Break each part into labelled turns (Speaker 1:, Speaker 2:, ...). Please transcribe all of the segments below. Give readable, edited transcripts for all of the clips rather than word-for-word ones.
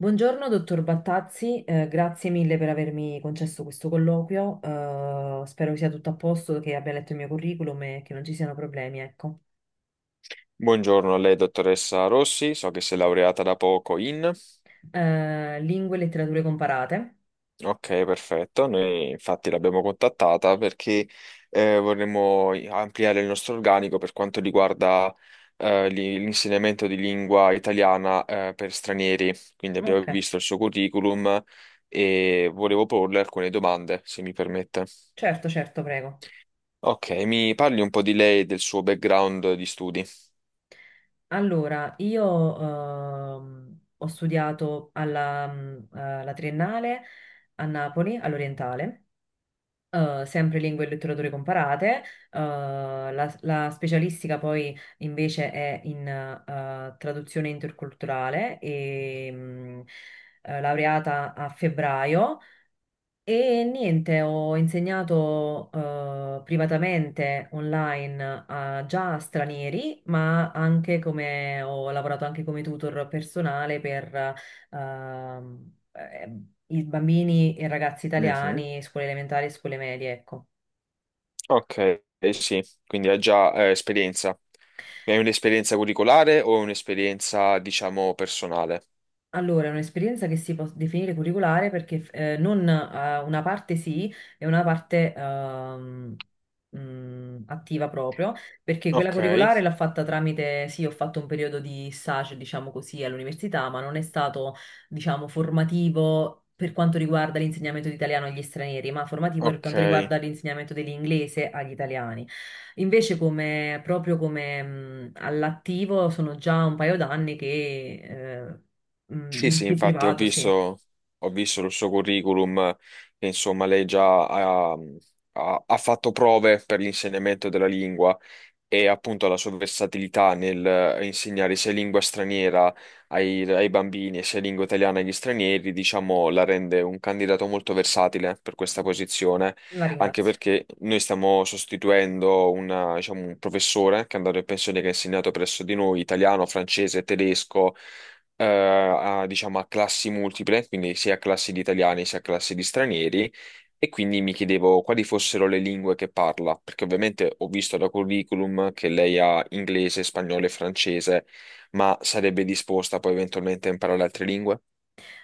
Speaker 1: Buongiorno, dottor Battazzi, grazie mille per avermi concesso questo colloquio. Spero sia tutto a posto, che abbia letto il mio curriculum e che non ci siano problemi, ecco.
Speaker 2: Buongiorno a lei, dottoressa Rossi, so che si è laureata da poco in.
Speaker 1: Lingue e letterature comparate?
Speaker 2: Ok, perfetto, noi infatti l'abbiamo contattata perché vorremmo ampliare il nostro organico per quanto riguarda l'insegnamento di lingua italiana per stranieri, quindi abbiamo
Speaker 1: Ok,
Speaker 2: visto il suo curriculum e volevo porle alcune domande, se mi permette.
Speaker 1: certo, certo, prego.
Speaker 2: Ok, mi parli un po' di lei e del suo background di studi.
Speaker 1: Allora, io ho studiato alla triennale a Napoli, all'Orientale. Sempre lingue e letterature comparate, la specialistica poi invece è in traduzione interculturale e laureata a febbraio e niente, ho insegnato privatamente online già a stranieri, ma anche come ho lavorato anche come tutor personale per ehm, eh, i bambini e ragazzi
Speaker 2: Mhm.
Speaker 1: italiani, scuole elementari e scuole medie, ecco.
Speaker 2: Ok, eh sì, quindi hai già esperienza. Hai un'esperienza curricolare o un'esperienza, diciamo, personale?
Speaker 1: Allora, è un'esperienza che si può definire curriculare perché non, una parte sì e una parte attiva proprio, perché quella
Speaker 2: Ok,
Speaker 1: curriculare l'ho fatta tramite, sì, ho fatto un periodo di stage, diciamo così, all'università, ma non è stato, diciamo, formativo. Per quanto riguarda l'insegnamento di italiano agli stranieri, ma formativo per quanto
Speaker 2: ok.
Speaker 1: riguarda l'insegnamento dell'inglese agli italiani. Invece, come, proprio come all'attivo, sono già un paio d'anni che eh,
Speaker 2: Sì, sì,
Speaker 1: in
Speaker 2: infatti ho
Speaker 1: privato, sì.
Speaker 2: visto, ho visto il suo curriculum, che insomma lei già ha fatto prove per l'insegnamento della lingua e appunto la sua versatilità nel insegnare sia lingua straniera ai bambini e sia lingua italiana agli stranieri, diciamo, la rende un candidato molto versatile per questa posizione,
Speaker 1: La
Speaker 2: anche
Speaker 1: ringrazio.
Speaker 2: perché noi stiamo sostituendo diciamo, un professore che è andato in pensione, che ha insegnato presso di noi italiano, francese, tedesco. A, diciamo, a classi multiple, quindi sia a classi di italiani sia a classi di stranieri, e quindi mi chiedevo quali fossero le lingue che parla, perché ovviamente ho visto da curriculum che lei ha inglese, spagnolo e francese, ma sarebbe disposta poi eventualmente a imparare altre lingue?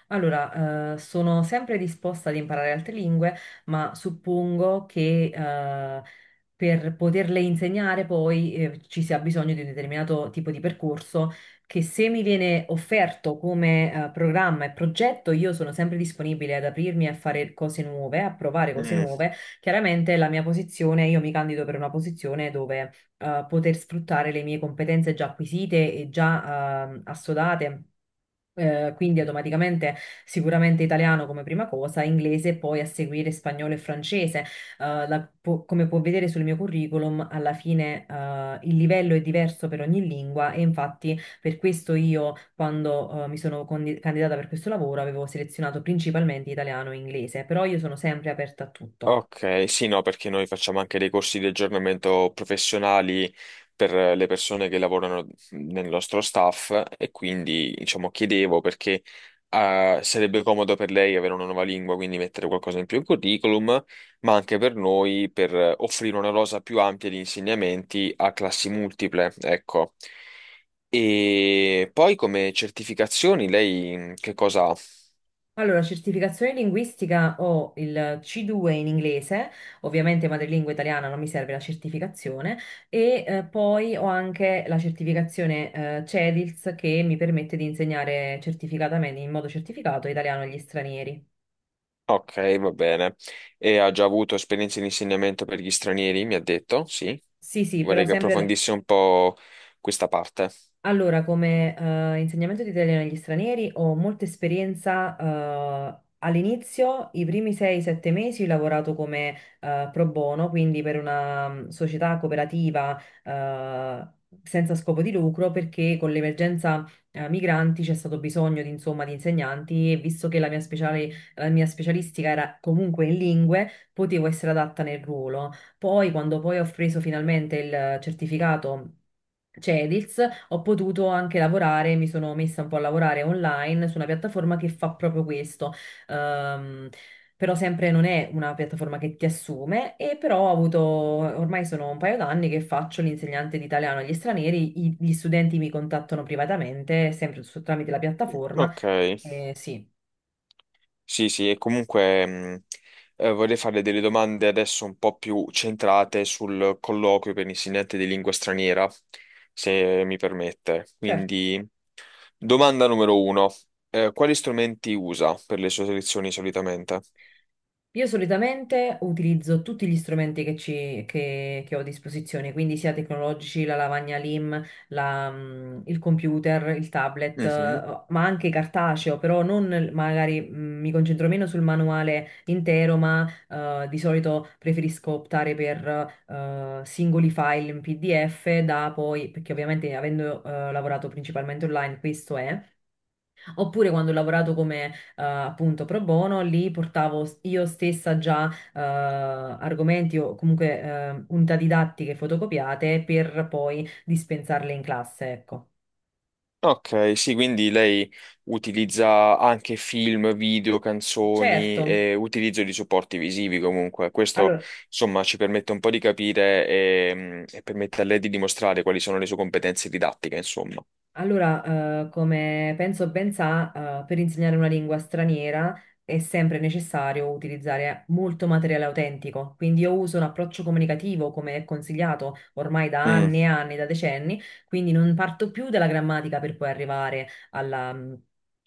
Speaker 1: Allora, sono sempre disposta ad imparare altre lingue, ma suppongo che per poterle insegnare poi ci sia bisogno di un determinato tipo di percorso che se mi viene offerto come programma e progetto, io sono sempre disponibile ad aprirmi a fare cose nuove, a provare cose
Speaker 2: Mm,
Speaker 1: nuove. Chiaramente la mia posizione, io mi candido per una posizione dove poter sfruttare le mie competenze già acquisite e già assodate. Quindi automaticamente sicuramente italiano come prima cosa, inglese e poi a seguire spagnolo e francese. Come può vedere sul mio curriculum, alla fine il livello è diverso per ogni lingua e infatti per questo io quando mi sono candidata per questo lavoro avevo selezionato principalmente italiano e inglese, però io sono sempre aperta a tutto.
Speaker 2: ok, sì, no, perché noi facciamo anche dei corsi di aggiornamento professionali per le persone che lavorano nel nostro staff e quindi, diciamo, chiedevo perché sarebbe comodo per lei avere una nuova lingua, quindi mettere qualcosa in più in curriculum, ma anche per noi per offrire una rosa più ampia di insegnamenti a classi multiple, ecco. E poi come certificazioni lei che cosa ha?
Speaker 1: Allora, certificazione linguistica ho il C2 in inglese. Ovviamente madrelingua italiana non mi serve la certificazione, e poi ho anche la certificazione CEDILS, che mi permette di insegnare certificatamente, in modo certificato, italiano agli stranieri.
Speaker 2: Ok, va bene. E ha già avuto esperienze di insegnamento per gli stranieri, mi ha detto, sì.
Speaker 1: Sì, sì, però
Speaker 2: Vorrei che
Speaker 1: sempre.
Speaker 2: approfondisse un po' questa parte.
Speaker 1: Allora, come insegnamento di italiano agli stranieri ho molta esperienza. All'inizio, i primi 6-7 mesi, ho lavorato come pro bono, quindi per una società cooperativa senza scopo di lucro, perché con l'emergenza migranti c'è stato bisogno di, insomma, di insegnanti e visto che la mia specialistica era comunque in lingue, potevo essere adatta nel ruolo. Poi, quando poi ho preso finalmente il certificato Cedils, ho potuto anche lavorare, mi sono messa un po' a lavorare online su una piattaforma che fa proprio questo. Ehm, però sempre non è una piattaforma che ti assume e però ho avuto, ormai sono un paio d'anni che faccio l'insegnante di italiano agli stranieri, gli studenti mi contattano privatamente, sempre tramite la piattaforma.
Speaker 2: Ok.
Speaker 1: Sì,
Speaker 2: Sì, sì, e comunque vorrei farle delle domande adesso un po' più centrate sul colloquio per insegnante di lingua straniera, se mi permette.
Speaker 1: certo.
Speaker 2: Quindi, domanda numero uno, quali strumenti usa per le sue lezioni solitamente?
Speaker 1: Io solitamente utilizzo tutti gli strumenti che ho a disposizione, quindi sia tecnologici, la lavagna LIM, il computer, il tablet, ma anche cartaceo, però non magari mi concentro meno sul manuale intero, ma di solito preferisco optare per singoli file in PDF da poi, perché ovviamente avendo lavorato principalmente online, questo è. Oppure quando ho lavorato come appunto pro bono, lì portavo io stessa già argomenti o comunque unità didattiche fotocopiate per poi dispensarle in classe, ecco.
Speaker 2: Ok, sì, quindi lei utilizza anche film, video,
Speaker 1: Certo.
Speaker 2: canzoni e utilizzo di supporti visivi comunque. Questo,
Speaker 1: Allora,
Speaker 2: insomma, ci permette un po' di capire permette a lei di dimostrare quali sono le sue competenze didattiche, insomma.
Speaker 1: Allora, come penso ben sa, per insegnare una lingua straniera è sempre necessario utilizzare molto materiale autentico, quindi io uso un approccio comunicativo come è consigliato ormai da
Speaker 2: Mm,
Speaker 1: anni e anni, da decenni, quindi non parto più dalla grammatica per poi arrivare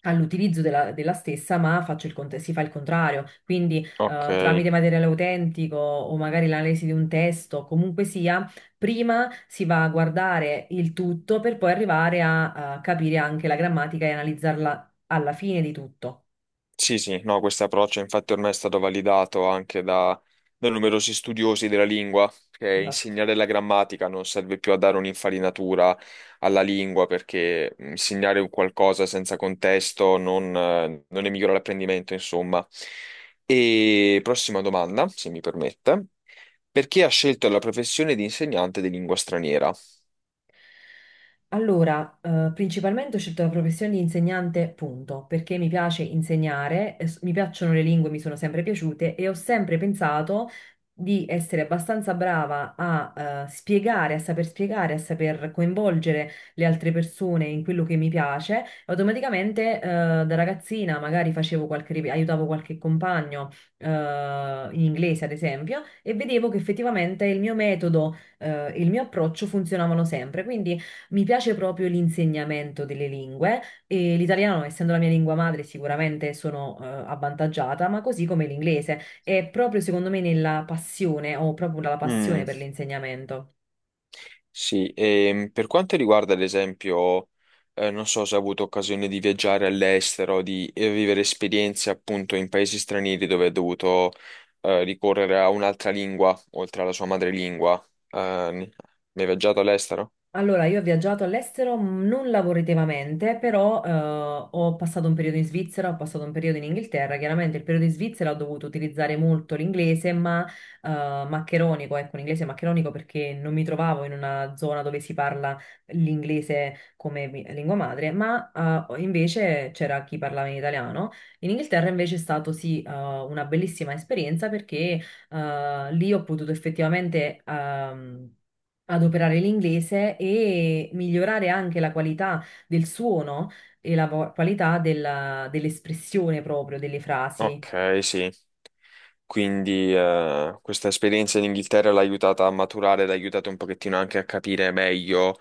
Speaker 1: all'utilizzo della stessa, ma faccio si fa il contrario, quindi
Speaker 2: ok.
Speaker 1: tramite materiale autentico o magari l'analisi di un testo, comunque sia. Prima si va a guardare il tutto per poi arrivare a capire anche la grammatica e analizzarla alla fine di tutto.
Speaker 2: Sì, sì, no, questo approccio infatti ormai è stato validato anche da numerosi studiosi della lingua, che
Speaker 1: Esatto.
Speaker 2: insegnare la grammatica non serve più a dare un'infarinatura alla lingua, perché insegnare un qualcosa senza contesto non ne migliora l'apprendimento, insomma. E prossima domanda, se mi permette. Perché ha scelto la professione di insegnante di lingua straniera?
Speaker 1: Allora, principalmente ho scelto la professione di insegnante, punto, perché mi piace insegnare, mi piacciono le lingue, mi sono sempre piaciute e ho sempre pensato di essere abbastanza brava a spiegare, a saper coinvolgere le altre persone in quello che mi piace. Automaticamente, da ragazzina magari facevo aiutavo qualche compagno, eh, in inglese, ad esempio, e vedevo che effettivamente il mio metodo, il mio approccio funzionavano sempre. Quindi mi piace proprio l'insegnamento delle lingue e l'italiano, essendo la mia lingua madre, sicuramente sono avvantaggiata, ma così come l'inglese. È proprio secondo me nella passione, ho proprio la passione
Speaker 2: Mm.
Speaker 1: per l'insegnamento.
Speaker 2: Sì, e per quanto riguarda ad esempio, non so se ha avuto occasione di viaggiare all'estero, di vivere esperienze appunto in paesi stranieri dove ha dovuto ricorrere a un'altra lingua, oltre alla sua madrelingua. Eh, ne- ne hai viaggiato all'estero?
Speaker 1: Allora, io ho viaggiato all'estero, non lavorativamente, però ho passato un periodo in Svizzera, ho passato un periodo in Inghilterra. Chiaramente il periodo in Svizzera ho dovuto utilizzare molto l'inglese, ma maccheronico, ecco, un inglese maccheronico perché non mi trovavo in una zona dove si parla l'inglese come lingua madre, ma invece c'era chi parlava in italiano. In Inghilterra invece è stato sì, una bellissima esperienza perché lì ho potuto effettivamente adoperare l'inglese e migliorare anche la qualità del suono e qualità dell'espressione proprio delle frasi.
Speaker 2: Ok, sì. Quindi questa esperienza in Inghilterra l'ha aiutata a maturare, l'ha aiutata un pochettino anche a capire meglio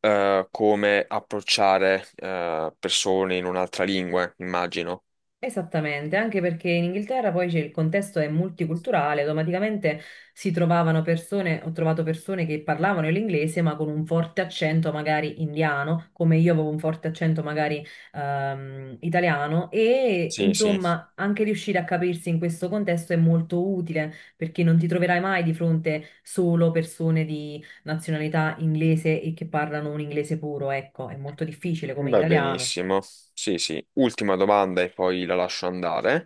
Speaker 2: come approcciare persone in un'altra lingua, immagino.
Speaker 1: Esattamente, anche perché in Inghilterra poi il contesto è multiculturale, automaticamente si trovavano persone, ho trovato persone che parlavano l'inglese ma con un forte accento magari indiano, come io avevo un forte accento magari italiano e
Speaker 2: Sì, sì.
Speaker 1: insomma anche riuscire a capirsi in questo contesto è molto utile perché non ti troverai mai di fronte solo persone di nazionalità inglese e che parlano un inglese puro, ecco, è molto difficile come in
Speaker 2: Va
Speaker 1: italiano.
Speaker 2: benissimo. Sì, sì. Ultima domanda e poi la lascio andare.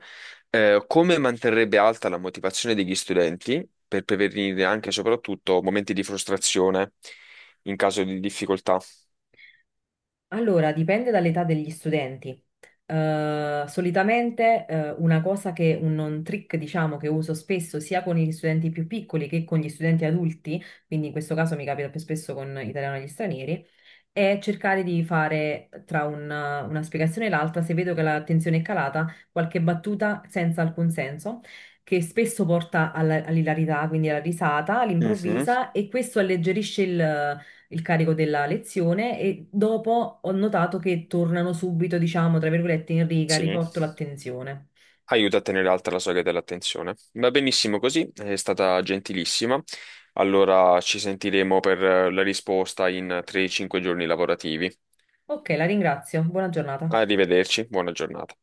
Speaker 2: Come manterrebbe alta la motivazione degli studenti per prevenire anche e soprattutto momenti di frustrazione in caso di difficoltà?
Speaker 1: Allora, dipende dall'età degli studenti. Solitamente, una cosa che un trick, diciamo, che uso spesso sia con gli studenti più piccoli che con gli studenti adulti, quindi in questo caso mi capita più spesso con italiano agli stranieri, è cercare di fare tra una spiegazione e l'altra, se vedo che l'attenzione è calata, qualche battuta senza alcun senso. Che spesso porta all'ilarità, quindi alla risata
Speaker 2: Mhm.
Speaker 1: all'improvvisa, e questo alleggerisce il carico della lezione e dopo ho notato che tornano subito, diciamo, tra virgolette, in riga,
Speaker 2: Sì.
Speaker 1: riporto l'attenzione.
Speaker 2: Aiuta a tenere alta la soglia dell'attenzione. Va benissimo così, è stata gentilissima. Allora ci sentiremo per la risposta in 3-5 giorni lavorativi.
Speaker 1: Ok, la ringrazio. Buona giornata.
Speaker 2: Arrivederci, buona giornata.